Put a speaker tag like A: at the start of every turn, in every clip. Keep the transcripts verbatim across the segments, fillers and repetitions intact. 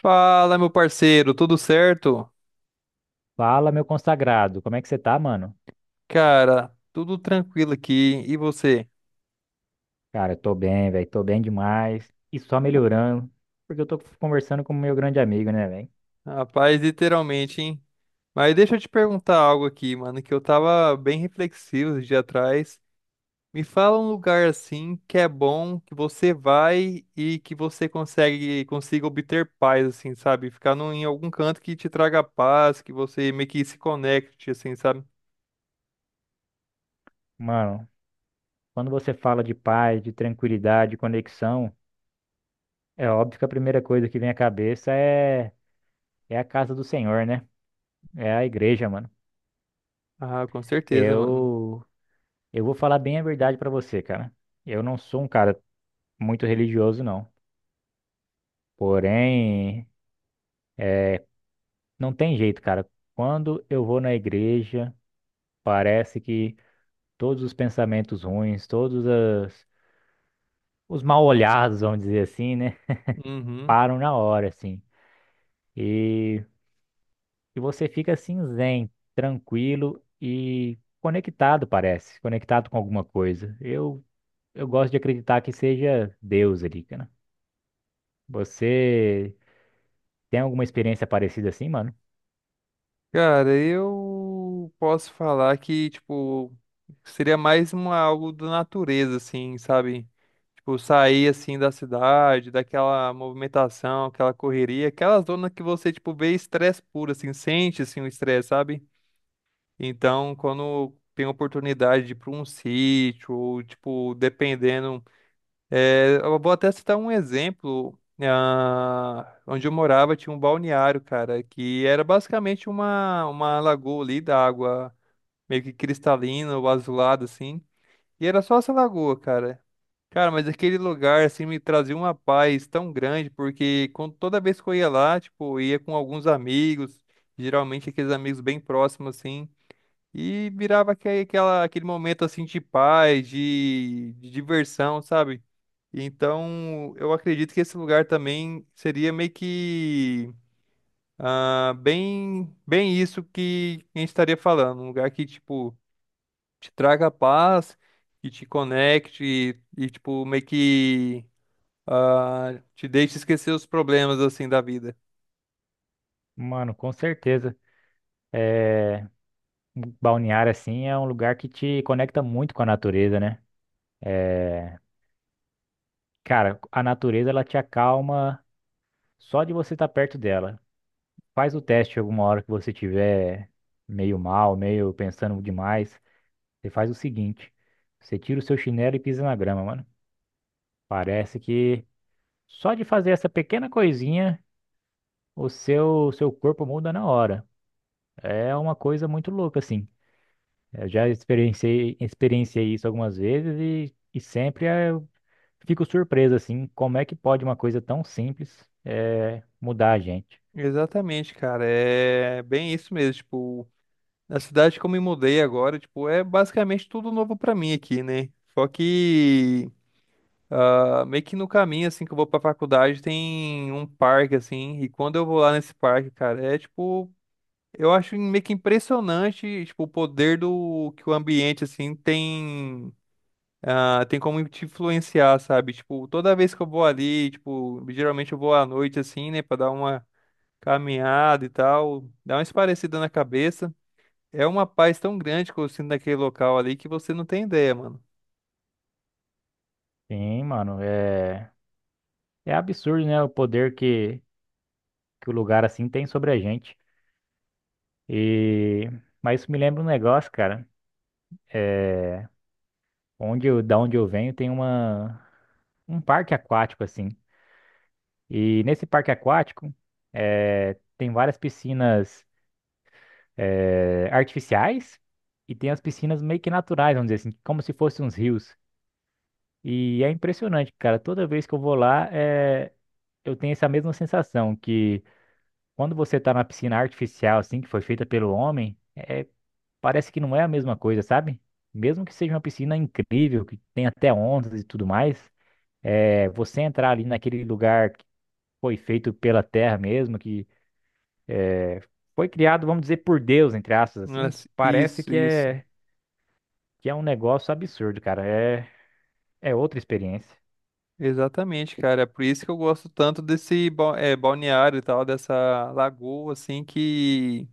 A: Fala, meu parceiro, tudo certo?
B: Fala, meu consagrado, como é que você tá, mano?
A: Cara, tudo tranquilo aqui. E você?
B: Cara, eu tô bem, velho, tô bem demais e só melhorando, porque eu tô conversando com o meu grande amigo, né, velho?
A: Rapaz, literalmente, hein? Mas deixa eu te perguntar algo aqui, mano, que eu tava bem reflexivo esse dia atrás. Me fala um lugar assim que é bom, que você vai e que você consegue consiga obter paz, assim, sabe? Ficar num, em algum canto que te traga paz, que você meio que se conecte, assim, sabe?
B: Mano, quando você fala de paz, de tranquilidade, de conexão, é óbvio que a primeira coisa que vem à cabeça é, é a casa do Senhor, né? É a igreja, mano.
A: Ah, com certeza, mano.
B: Eu, eu vou falar bem a verdade pra você, cara. Eu não sou um cara muito religioso, não. Porém, não tem jeito, cara. Quando eu vou na igreja, parece que todos os pensamentos ruins, todos as- os mal-olhados, vamos dizer assim, né?
A: Uhum.
B: Param na hora, assim. E, e você fica assim, zen, tranquilo e conectado, parece. Conectado com alguma coisa. Eu, eu gosto de acreditar que seja Deus ali, cara. Você tem alguma experiência parecida assim, mano?
A: Cara, eu posso falar que, tipo, seria mais uma, algo da natureza, assim, sabe? Tipo, sair, assim, da cidade, daquela movimentação, aquela correria, aquela zona que você, tipo, vê estresse puro, assim, sente, assim, o estresse, sabe? Então, quando tem oportunidade de ir pra um sítio, ou, tipo, dependendo é, eu vou até citar um exemplo. Ah, onde eu morava tinha um balneário, cara, que era basicamente uma, uma lagoa ali da água meio que cristalina ou azulada, assim. E era só essa lagoa, cara. Cara, mas aquele lugar, assim, me trazia uma paz tão grande, porque quando, toda vez que eu ia lá, tipo, eu ia com alguns amigos, geralmente aqueles amigos bem próximos, assim. E virava aque- aquela, aquele momento assim de paz, de, de diversão, sabe? Então, eu acredito que esse lugar também seria meio que ah, bem, bem isso que a gente estaria falando. Um lugar que, tipo, te traga paz, que te conecte e, tipo, meio que ah, te deixe esquecer os problemas, assim, da vida.
B: Mano, com certeza. É, balneário, assim, é um lugar que te conecta muito com a natureza, né? É, cara, a natureza, ela te acalma. Só de você estar perto dela. Faz o teste alguma hora que você tiver meio mal, meio pensando demais. Você faz o seguinte: você tira o seu chinelo e pisa na grama, mano. Parece que só de fazer essa pequena coisinha, o seu seu corpo muda na hora. É uma coisa muito louca, assim. Eu já experienciei, experienciei isso algumas vezes e, e sempre eh, eu fico surpreso, assim, como é que pode uma coisa tão simples eh, mudar a gente.
A: Exatamente, cara. É bem isso mesmo. Tipo, na cidade que eu me mudei agora, tipo, é basicamente tudo novo pra mim aqui, né? Só que ah, meio que no caminho, assim, que eu vou pra faculdade, tem um parque, assim, e quando eu vou lá nesse parque, cara, é tipo, eu acho meio que impressionante, tipo, o poder do que o ambiente, assim, tem. Ah, tem como te influenciar, sabe? Tipo, toda vez que eu vou ali, tipo, geralmente eu vou à noite, assim, né, pra dar uma caminhada e tal, dá uma esparecida na cabeça. É uma paz tão grande que eu sinto naquele local ali que você não tem ideia, mano.
B: Sim, mano, é. É absurdo, né? O poder que, que o lugar assim tem sobre a gente. E mas isso me lembra um negócio, cara. Onde eu, da onde eu venho tem uma um parque aquático assim. E nesse parque aquático eh, tem várias piscinas eh, artificiais e tem as piscinas meio que naturais, vamos dizer assim, como se fossem uns rios. E é impressionante, cara. Toda vez que eu vou lá, eh, eu tenho essa mesma sensação que quando você tá na piscina artificial assim que foi feita pelo homem é parece que não é a mesma coisa, sabe? Mesmo que seja uma piscina incrível, que tem até ondas e tudo mais, é, você entrar ali naquele lugar que foi feito pela terra mesmo, que foi criado, vamos dizer, por Deus, entre aspas, assim,
A: Nossa,
B: parece
A: Isso,
B: que
A: isso.
B: é, que é um negócio absurdo, cara. É, é outra experiência.
A: Exatamente, cara. É por isso que eu gosto tanto desse ba- eh, balneário e tal, dessa lagoa, assim, que,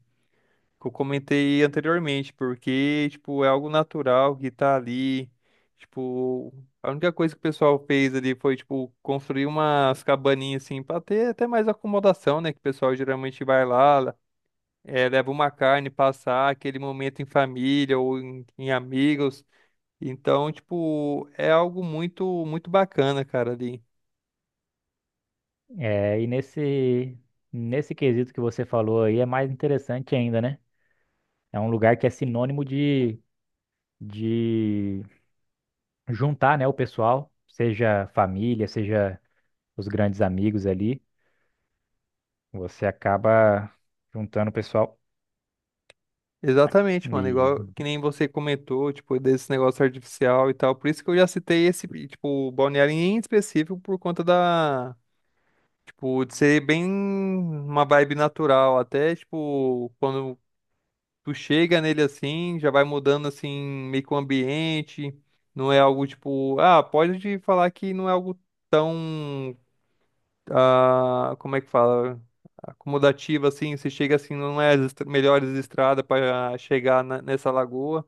A: que eu comentei anteriormente, porque, tipo, é algo natural que tá ali. Tipo, a única coisa que o pessoal fez ali foi, tipo, construir umas cabaninhas, assim, pra ter até mais acomodação, né? Que o pessoal geralmente vai lá. É, leva uma carne, passar aquele momento em família ou em, em amigos. Então, tipo, é algo muito, muito bacana, cara, ali.
B: É, e nesse, nesse quesito que você falou aí é mais interessante ainda, né? É um lugar que é sinônimo de, de juntar, né, o pessoal, seja família, seja os grandes amigos ali, você acaba juntando o pessoal.
A: Exatamente, mano.
B: E,
A: Igual que nem você comentou, tipo, desse negócio artificial e tal. Por isso que eu já citei esse, tipo, balneário em específico por conta da, tipo, de ser bem uma vibe natural. Até, tipo, quando tu chega nele assim, já vai mudando assim, meio que o ambiente. Não é algo tipo, ah, pode te falar que não é algo tão, ah, como é que fala? Acomodativo assim, você chega assim, não é as estra- melhores estradas para chegar na- nessa lagoa.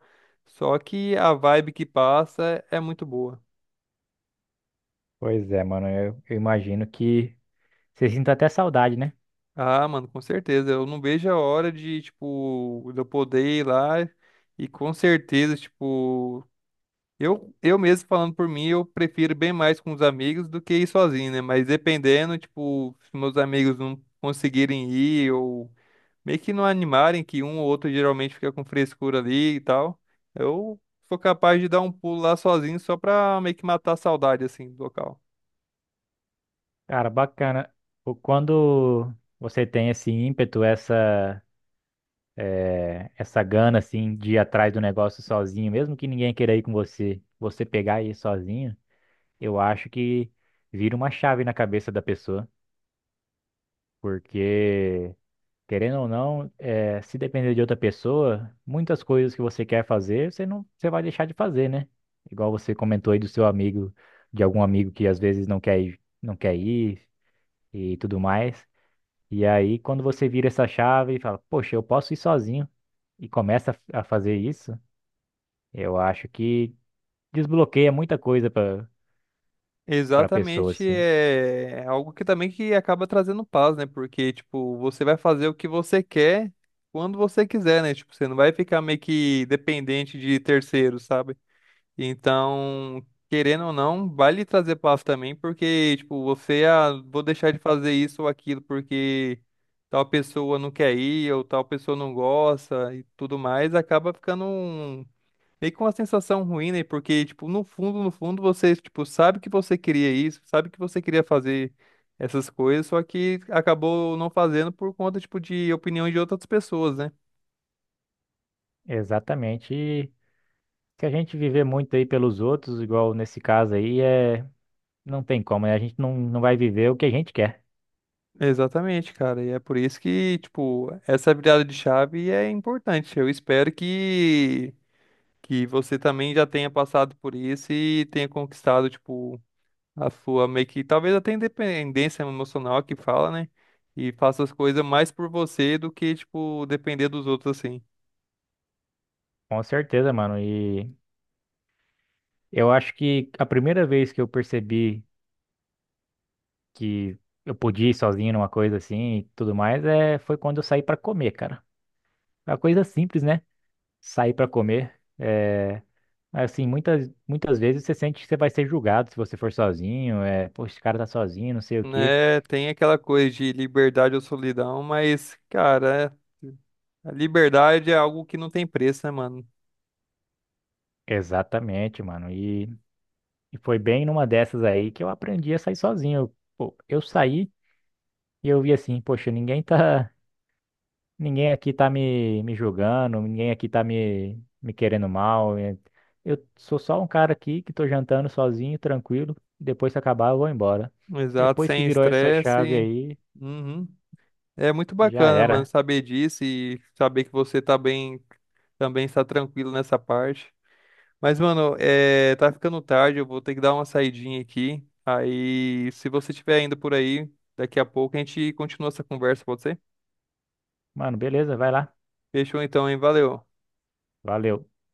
A: Só que a vibe que passa é muito boa.
B: pois é, mano, eu, eu imagino que você sinta até saudade, né?
A: Ah, mano, com certeza. Eu não vejo a hora de, tipo, de eu poder ir lá e com certeza, tipo. Eu, eu mesmo falando por mim, eu prefiro bem mais com os amigos do que ir sozinho, né? Mas dependendo, tipo, se meus amigos não conseguirem ir ou meio que não animarem, que um ou outro geralmente fica com frescura ali e tal, eu sou capaz de dar um pulo lá sozinho só pra meio que matar a saudade, assim, do local.
B: Cara, bacana. O- Quando você tem esse ímpeto, essa, eh, essa gana, assim, de ir atrás do negócio sozinho, mesmo que ninguém queira ir com você, você pegar e ir sozinho, eu acho que vira uma chave na cabeça da pessoa, porque, querendo ou não, eh, se depender de outra pessoa, muitas coisas que você quer fazer, você não, você vai deixar de fazer, né? Igual você comentou aí do seu amigo, de algum amigo que às vezes não quer ir, não quer ir e tudo mais. E aí, quando você vira essa chave e fala, poxa, eu posso ir sozinho e começa a a fazer isso, eu acho que desbloqueia muita coisa para para a pessoa,
A: Exatamente,
B: assim.
A: é é algo que também que acaba trazendo paz, né? Porque, tipo, você vai fazer o que você quer quando você quiser, né? Tipo, você não vai ficar meio que dependente de terceiros, sabe? Então, querendo ou não, vai lhe trazer paz também, porque, tipo, você, ah, vou deixar de fazer isso ou aquilo porque tal pessoa não quer ir, ou tal pessoa não gosta e tudo mais, acaba ficando um, meio com uma sensação ruim, né? Porque, tipo, no fundo, no fundo, você, tipo, sabe que você queria isso, sabe que você queria fazer essas coisas, só que acabou não fazendo por conta, tipo, de opiniões de outras pessoas, né?
B: Exatamente. E se a gente viver muito aí pelos outros, igual nesse caso aí, é, não tem como, né? A gente não, não vai viver o que a gente quer.
A: Exatamente, cara. E é por isso que, tipo, essa virada de chave é importante. Eu espero que que você também já tenha passado por isso e tenha conquistado, tipo, a sua meio que talvez até independência emocional que fala, né? E faça as coisas mais por você do que, tipo, depender dos outros assim.
B: Com certeza, mano. E eu acho que a primeira vez que eu percebi que eu podia ir sozinho numa coisa assim e tudo mais é, foi quando eu saí pra comer, cara. É uma coisa simples, né? Sair pra comer. É, assim, muitas, muitas vezes você sente que você vai ser julgado se você for sozinho. É, pô, esse cara tá sozinho, não sei o quê.
A: Né? Tem aquela coisa de liberdade ou solidão, mas, cara, é- a liberdade é algo que não tem preço, né, mano?
B: Exatamente, mano. E, e foi bem numa dessas aí que eu aprendi a sair sozinho. Eu, pô, eu saí. E eu vi assim, poxa, ninguém tá. Ninguém aqui tá me, me julgando, ninguém aqui tá me, me querendo mal. é- Eu sou só um cara aqui que tô jantando sozinho, tranquilo. e Depois que acabar, eu vou embora.
A: Exato,
B: Depois que
A: sem
B: virou essa chave
A: estresse.
B: aí,
A: Uhum. É muito
B: já
A: bacana, mano,
B: era.
A: saber disso e saber que você tá bem, também está tranquilo nessa parte. Mas, mano, é, tá ficando tarde, eu vou ter que dar uma saidinha aqui. Aí, se você estiver indo por aí, daqui a pouco a gente continua essa conversa, pode ser?
B: Mano, beleza, vai lá.
A: Fechou então, hein? Valeu.
B: Valeu.